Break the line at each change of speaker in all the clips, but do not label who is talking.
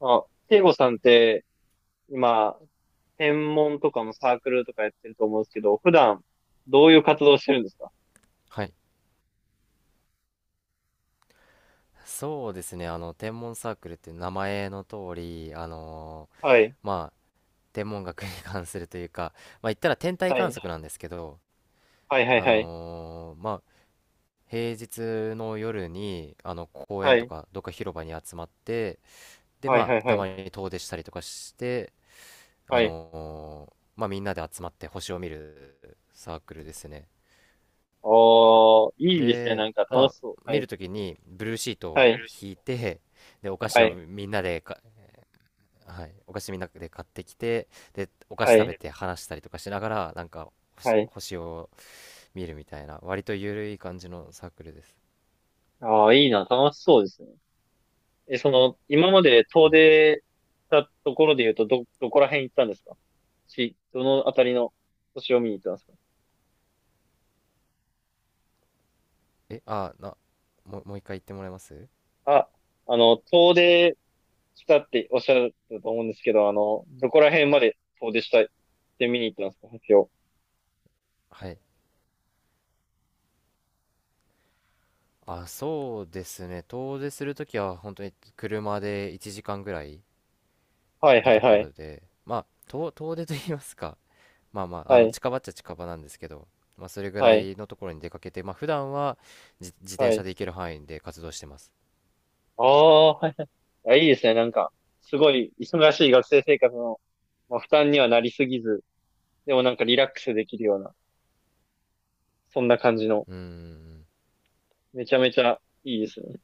あ、慶吾さんって今、専門とかもサークルとかやってると思うんですけど、普段どういう活動してるんですか？
はい、そうですね、あの天文サークルっていう名前の通り、
はい。
まあ天文学に 関するというか、まあ言ったら天体
は
観
い。
測なんですけど、
はいはいはい。
まあ平日の夜にあの公
は
園と
い。
かどっか広場に集まって、で
はい
ま
はい
あ
は
た
い。
まに遠出したりとかして、
は
あ
い。
のまあみんなで集まって星を見るサークルですね。
おー、いいですね。な
で、
んか
ま
楽
あ
しそう。は
見
い。
るときにブルーシート
は
を
い。
引いて、でお菓子
は
を
い。
みんなでかはい、お菓子みんなで買ってきて、でお菓子
は
食べ
い。
て話したりとかしながら、なんか
はい。
星を見るみたいな割とゆるい感じのサークルです。
ああ、いいな。楽しそうですね。え、その、今まで
う
遠
ん、
出したところで言うと、どこら辺行ったんですか？どのあたりの星を見に行ったんですか？
えあなもう一回言ってもらえます？
あ、あの、遠出したっておっしゃったと思うんですけど、あの、どこら辺まで遠出したいって見に行ったんですか、発表。
はい、あ、そうですね、遠出するときは本当に車で1時間ぐらい
はい
の
はい
と
は
ころ
い。
で、まあ遠出と言いますか、まあまああ
は
の
い、
近場っちゃ近場なんですけど、まあそれぐ
は
ら
い、
いのところに出かけて、まあ普段は自
は
転車
い。
で行ける範囲で活動してます。
ああ、はいはい。あ、いいですね。なんか、すごい忙しい学生生活の、まあ、負担にはなりすぎず、でもなんかリラックスできるような、そんな感じの、
うん、
めちゃめちゃいいですね。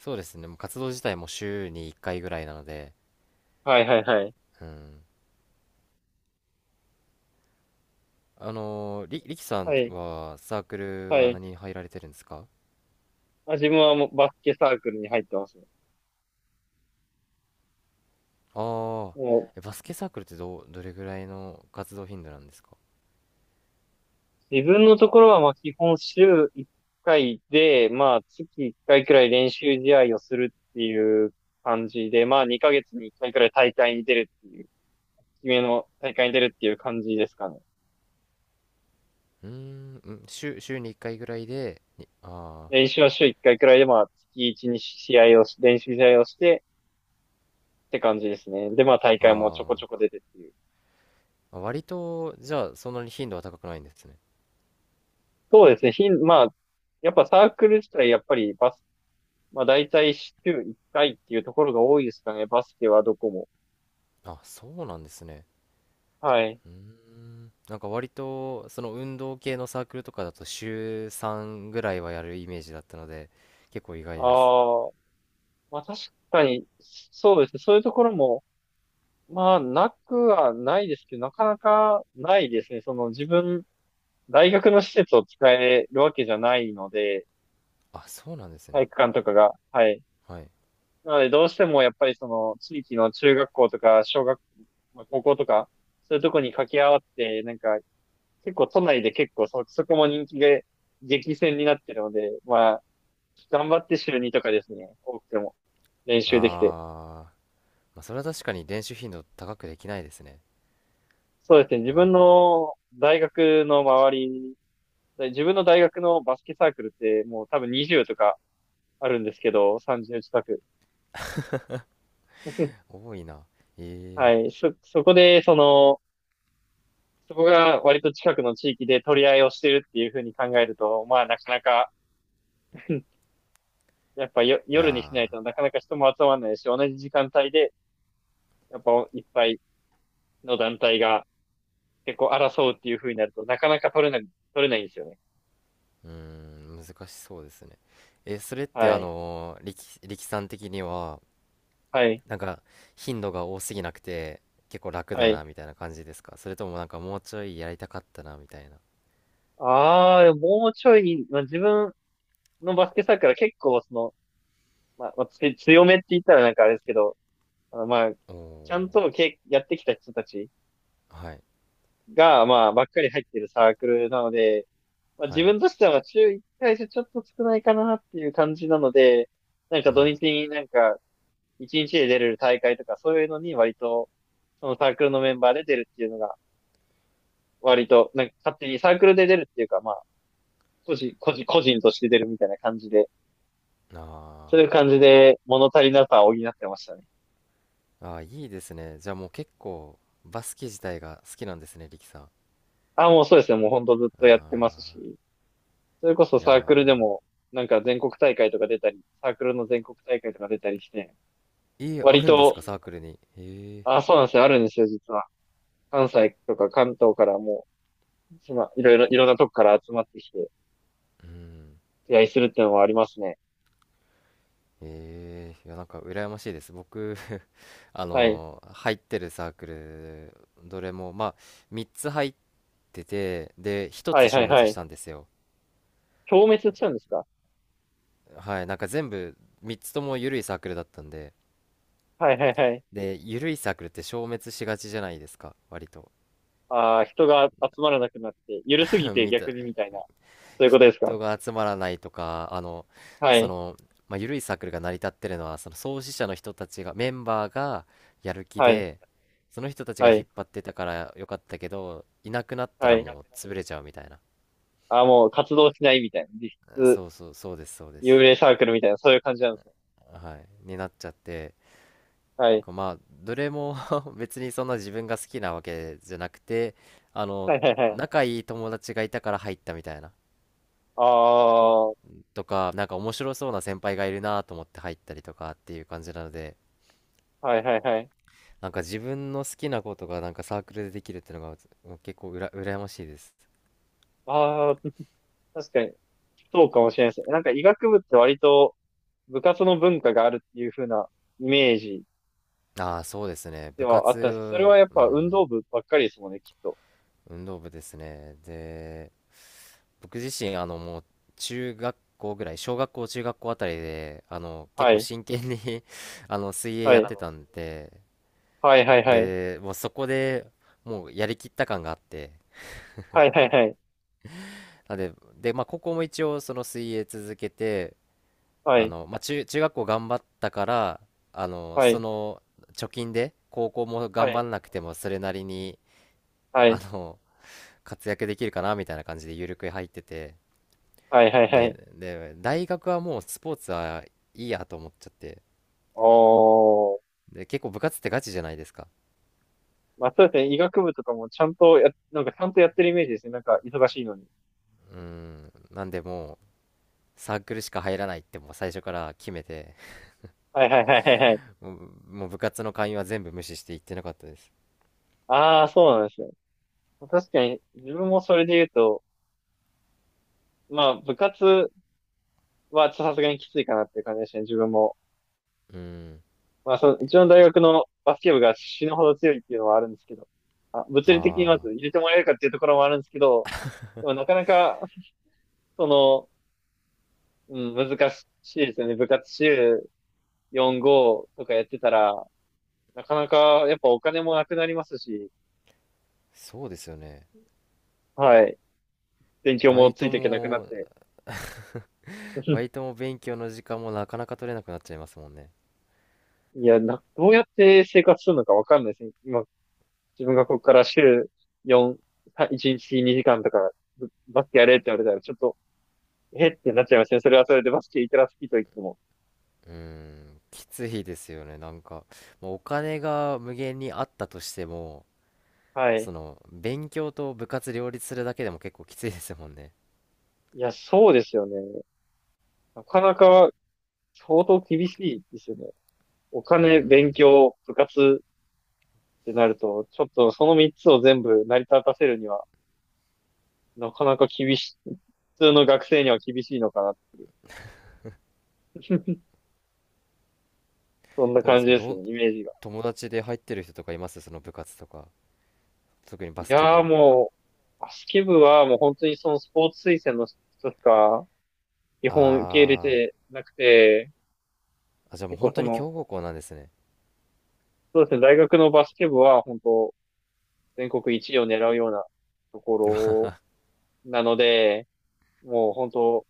そうですね、もう活動自体も週に1回ぐらいなので。
はいはいはい。
うん。りきさん
はい、
はサークル
は
は
い。
何に入られてるんですか？
あ、自分はもうバスケサークルに入ってますね。
ああー、
もう
バスケサークルってどれぐらいの活動頻度なんですか？
自分のところは、まあ、基本週1回で、まあ、月1回くらい練習試合をするっていう感じで、まあ、2ヶ月に1回くらい大会に出るっていう、決めの大会に出るっていう感じですかね。
うーん、うん、週に1回ぐらいで、あ
練習は週1回くらいで、まあ、月1、に試合をし、練習試合をしてって感じですね。で、まあ、大会もちょこち
あ、
ょこ
あ
出てっていう。
あ、割と、じゃあそんなに頻度は高くないんですね。
そうですね。まあ、やっぱサークル自体、やっぱりバス、まあ、大体週1回っていうところが多いですかね。バスケはどこも。
あ、そうなんですね。
はい。
うーん、なんか割と、その運動系のサークルとかだと週3ぐらいはやるイメージだったので、結構意外です。
ああ、まあ確かに、そうですね。そういうところも、まあなくはないですけど、なかなかないですね。その自分、大学の施設を使えるわけじゃないので、
あ、そうなんです
体
ね。
育館とかが。はい。
はい。
なのでどうしてもやっぱりその地域の中学校とか小学、まあ高校とか、そういうとこに掛け合わって、なんか結構都内で結構そこも人気で激戦になってるので、まあ頑張って週にとかですね、多くても練
あー、
習できて。
まあ、それは確かに練習頻度高くできないですね。
そうですね。自
あ
分の大学の周り、で自分の大学のバスケサークルってもう多分20とかあるんですけど、30近く。
ー、多いな。え
はい。そこで、その、そこが割と近くの地域で取り合いをしてるっていうふうに考えると、まあなかなか、やっぱよ、
ー、い
夜にしな
や
いとなかなか人も集まらないし、同じ時間帯で、やっぱいっぱいの団体が結構争うっていうふうになると、なかなか取れない、取れないんですよね。
ー、うーん、難しそうですね。えー、それって
はい。
力さん的には、
はい。
なんか頻度が多すぎなくて、結構楽
は
だ
い。
な、みたいな感じですか？それともなんかもうちょいやりたかったな、みたいな。
ああ、もうちょい、まあ、自分、のバスケサークルは結構、その、まあつ強めって言ったらなんかあれですけど、あのまあ、
お
ちゃん
お、
とけやってきた人たち
はい、
が、まあ、ばっかり入ってるサークルなので、まあ、
は
自
い、
分としては週1回じゃちょっと少ないかなっていう感じなので、なんか
は
土
い。
日になんか1日で出れる大会とかそういうのに割と、そのサークルのメンバーで出るっていうのが、割と、なんか勝手にサークルで出るっていうか、まあ、個人として出るみたいな感じで、そう
あ
いう感じで物足りなさを補ってましたね。
ー、あー、いいですね。じゃあもう結構、バスケ自体が好きなんですね、力さん。
あ、もうそうですね。もうほんとずっ
あ
とやってますし、
あ、
それこそ
い
サ
や
ークルでも、なんか全国大会とか出たり、サークルの全国大会とか出たりして、
ー、あ
割
るんです
と、
か、サークルに。へえ、
あ、そうなんですよ。あるんですよ、実は。関西とか関東からもう、その、いろんなとこから集まってきて、
うん。
出会いするっていうのはありますね。
ええ、いや、なんか、羨ましいです。僕、
はい。
入ってるサークル、どれも、まあ、3つ入ってて、で、1
は
つ
いは
消
いは
滅し
い。
たんですよ。
消滅しちゃうんですか？
はい、なんか全部、3つとも緩いサークルだったんで、
はいはいはい。
で、緩いサークルって消滅しがちじゃないですか、割と。
ああ、人が集まらなくなって、緩すぎ て
見た、
逆にみたいな、そういうことです
人
か？
が集まらないとか、あの、
は
そ
い。
の、まあ、緩いサークルが成り立ってるのは、その創始者の人たちが、メンバーがやる気
はい。
で、その人たち
は
が引
い。
っ張ってたからよかったけど、いなくなった
は
ら
い。
もう潰れちゃうみたいな。
ああ、もう活動しないみたいな。実質
そうそう、そうです、そうで
幽
す。
霊サークルみたいな、そういう感じなんですね。
はい。になっちゃって、
はい。
まあ、どれも 別にそんな自分が好きなわけじゃなくて、あの、
はいはいはい。
仲いい友達がいたから入ったみたいな。
ああ、は
とか、なんか面白そうな先輩がいるなと思って入ったりとかっていう感じなので、
いはいはい。
なんか自分の好きなことがなんかサークルでできるっていうのがもう結構羨ましいです。
ああ、確かに、そうかもしれないですね。なんか医学部って割と部活の文化があるっていう風なイメージ
ああ、そうですね。
で
部
はあっ
活、
たんです。それはやっ
う
ぱ運
ん、
動部ばっかりですもんね、きっと。
運動部ですね。で、僕自身、あの、もう中学校ぐらい、小学校、中学校あたりで、あの、
は
結構
い。
真剣に あの、水泳
は
や
い。
ってたんで、
はいはいはい。
で、もうそこでもうやりきった感があって、
はいはいはい。
なんで、で、まあ、高校も一応その水泳続けて、
は
あ
い。
の、まあ、中学校頑張ったから、あの、
は
そ
い。
の貯金で高校も
は
頑張
い。
んなくてもそれなりに、
は
あ
い。
の、活躍できるかなみたいな感じで緩く入ってて、
はいはいはい。
で、で、大学はもうスポーツはいいやと思っちゃって、
おー。
で、結構部活ってガチじゃないですか。
まあ、そうですね。医学部とかもちゃんとや、なんかちゃんとやってるイメージですね。なんか忙しいのに。
うん、なんでもうサークルしか入らないってもう最初から決めて、
はいはいはいはいはい。
もう部活の会員は全部無視して行ってなかったです。
ああ、そうなんですね。確かに、自分もそれで言うと、まあ、部活はちょっとさすがにきついかなっていう感じでしたね、自分も。
うん、
まあ、その、うちの大学のバスケ部が死ぬほど強いっていうのはあるんですけど、あ、物
あ
理的にま
あ、
ず入れてもらえるかっていうところもあるんですけど、でもなかなか、その、うん、難しいですよね。部活週4、5とかやってたら、なかなか、やっぱお金もなくなりますし、
そうですよね。
はい。勉強
バ
も
イ
つい
ト
ていけなくなっ
も
て。
バイトも勉強の時間もなかなか取れなくなっちゃいますもんね。
いや、どうやって生活するのかわかんないですね。今自分がここから週4、1日2時間とか、バスケやれって言われたら、ちょっと、えってなっちゃいますね。それはそれでバスケいくら好きと言っても。
うーん、きついですよね。なんか、もうお金が無限にあったとしても、
はい。
その、勉強と部活両立するだけでも結構きついですもんね。
いや、そうですよね。なかなか相当厳しいですよね。お
うー
金、勉
ん。
強、部活ってなると、ちょっとその3つを全部成り立たせるには、なかなか厳しい、普通の学生には厳しいのかな。そんな
どうで
感
す
じ
か？
ですね、イメージが。
友達で入ってる人とかいます、その部活とか。特に
い
バスケ
やー
部。
もう、バスケ部はもう本当にそのスポーツ推薦の人しか基本受け入れ
あ
てなくて、
ー、あ、じゃあも
結
う
構
本
そ
当に
の、
強豪校なんですね。
そうですね、大学のバスケ部は本当全国一位を狙うようなところなので、もう本当、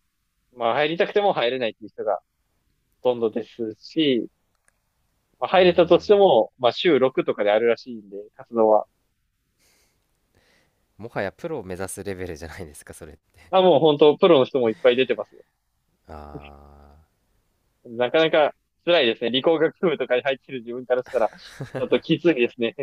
まあ入りたくても入れないっていう人がほとんどですし、まあ、
うー
入れたとして
ん。
も、まあ週6とかであるらしいんで、活動は。
もはやプロを目指すレベルじゃないですか、それって。
まあ、もう本当プロの人もいっぱい出てますよ。
あー。
なかなか辛いですね。理工学部とかに入ってる自分からしたら、ちょっときついですね。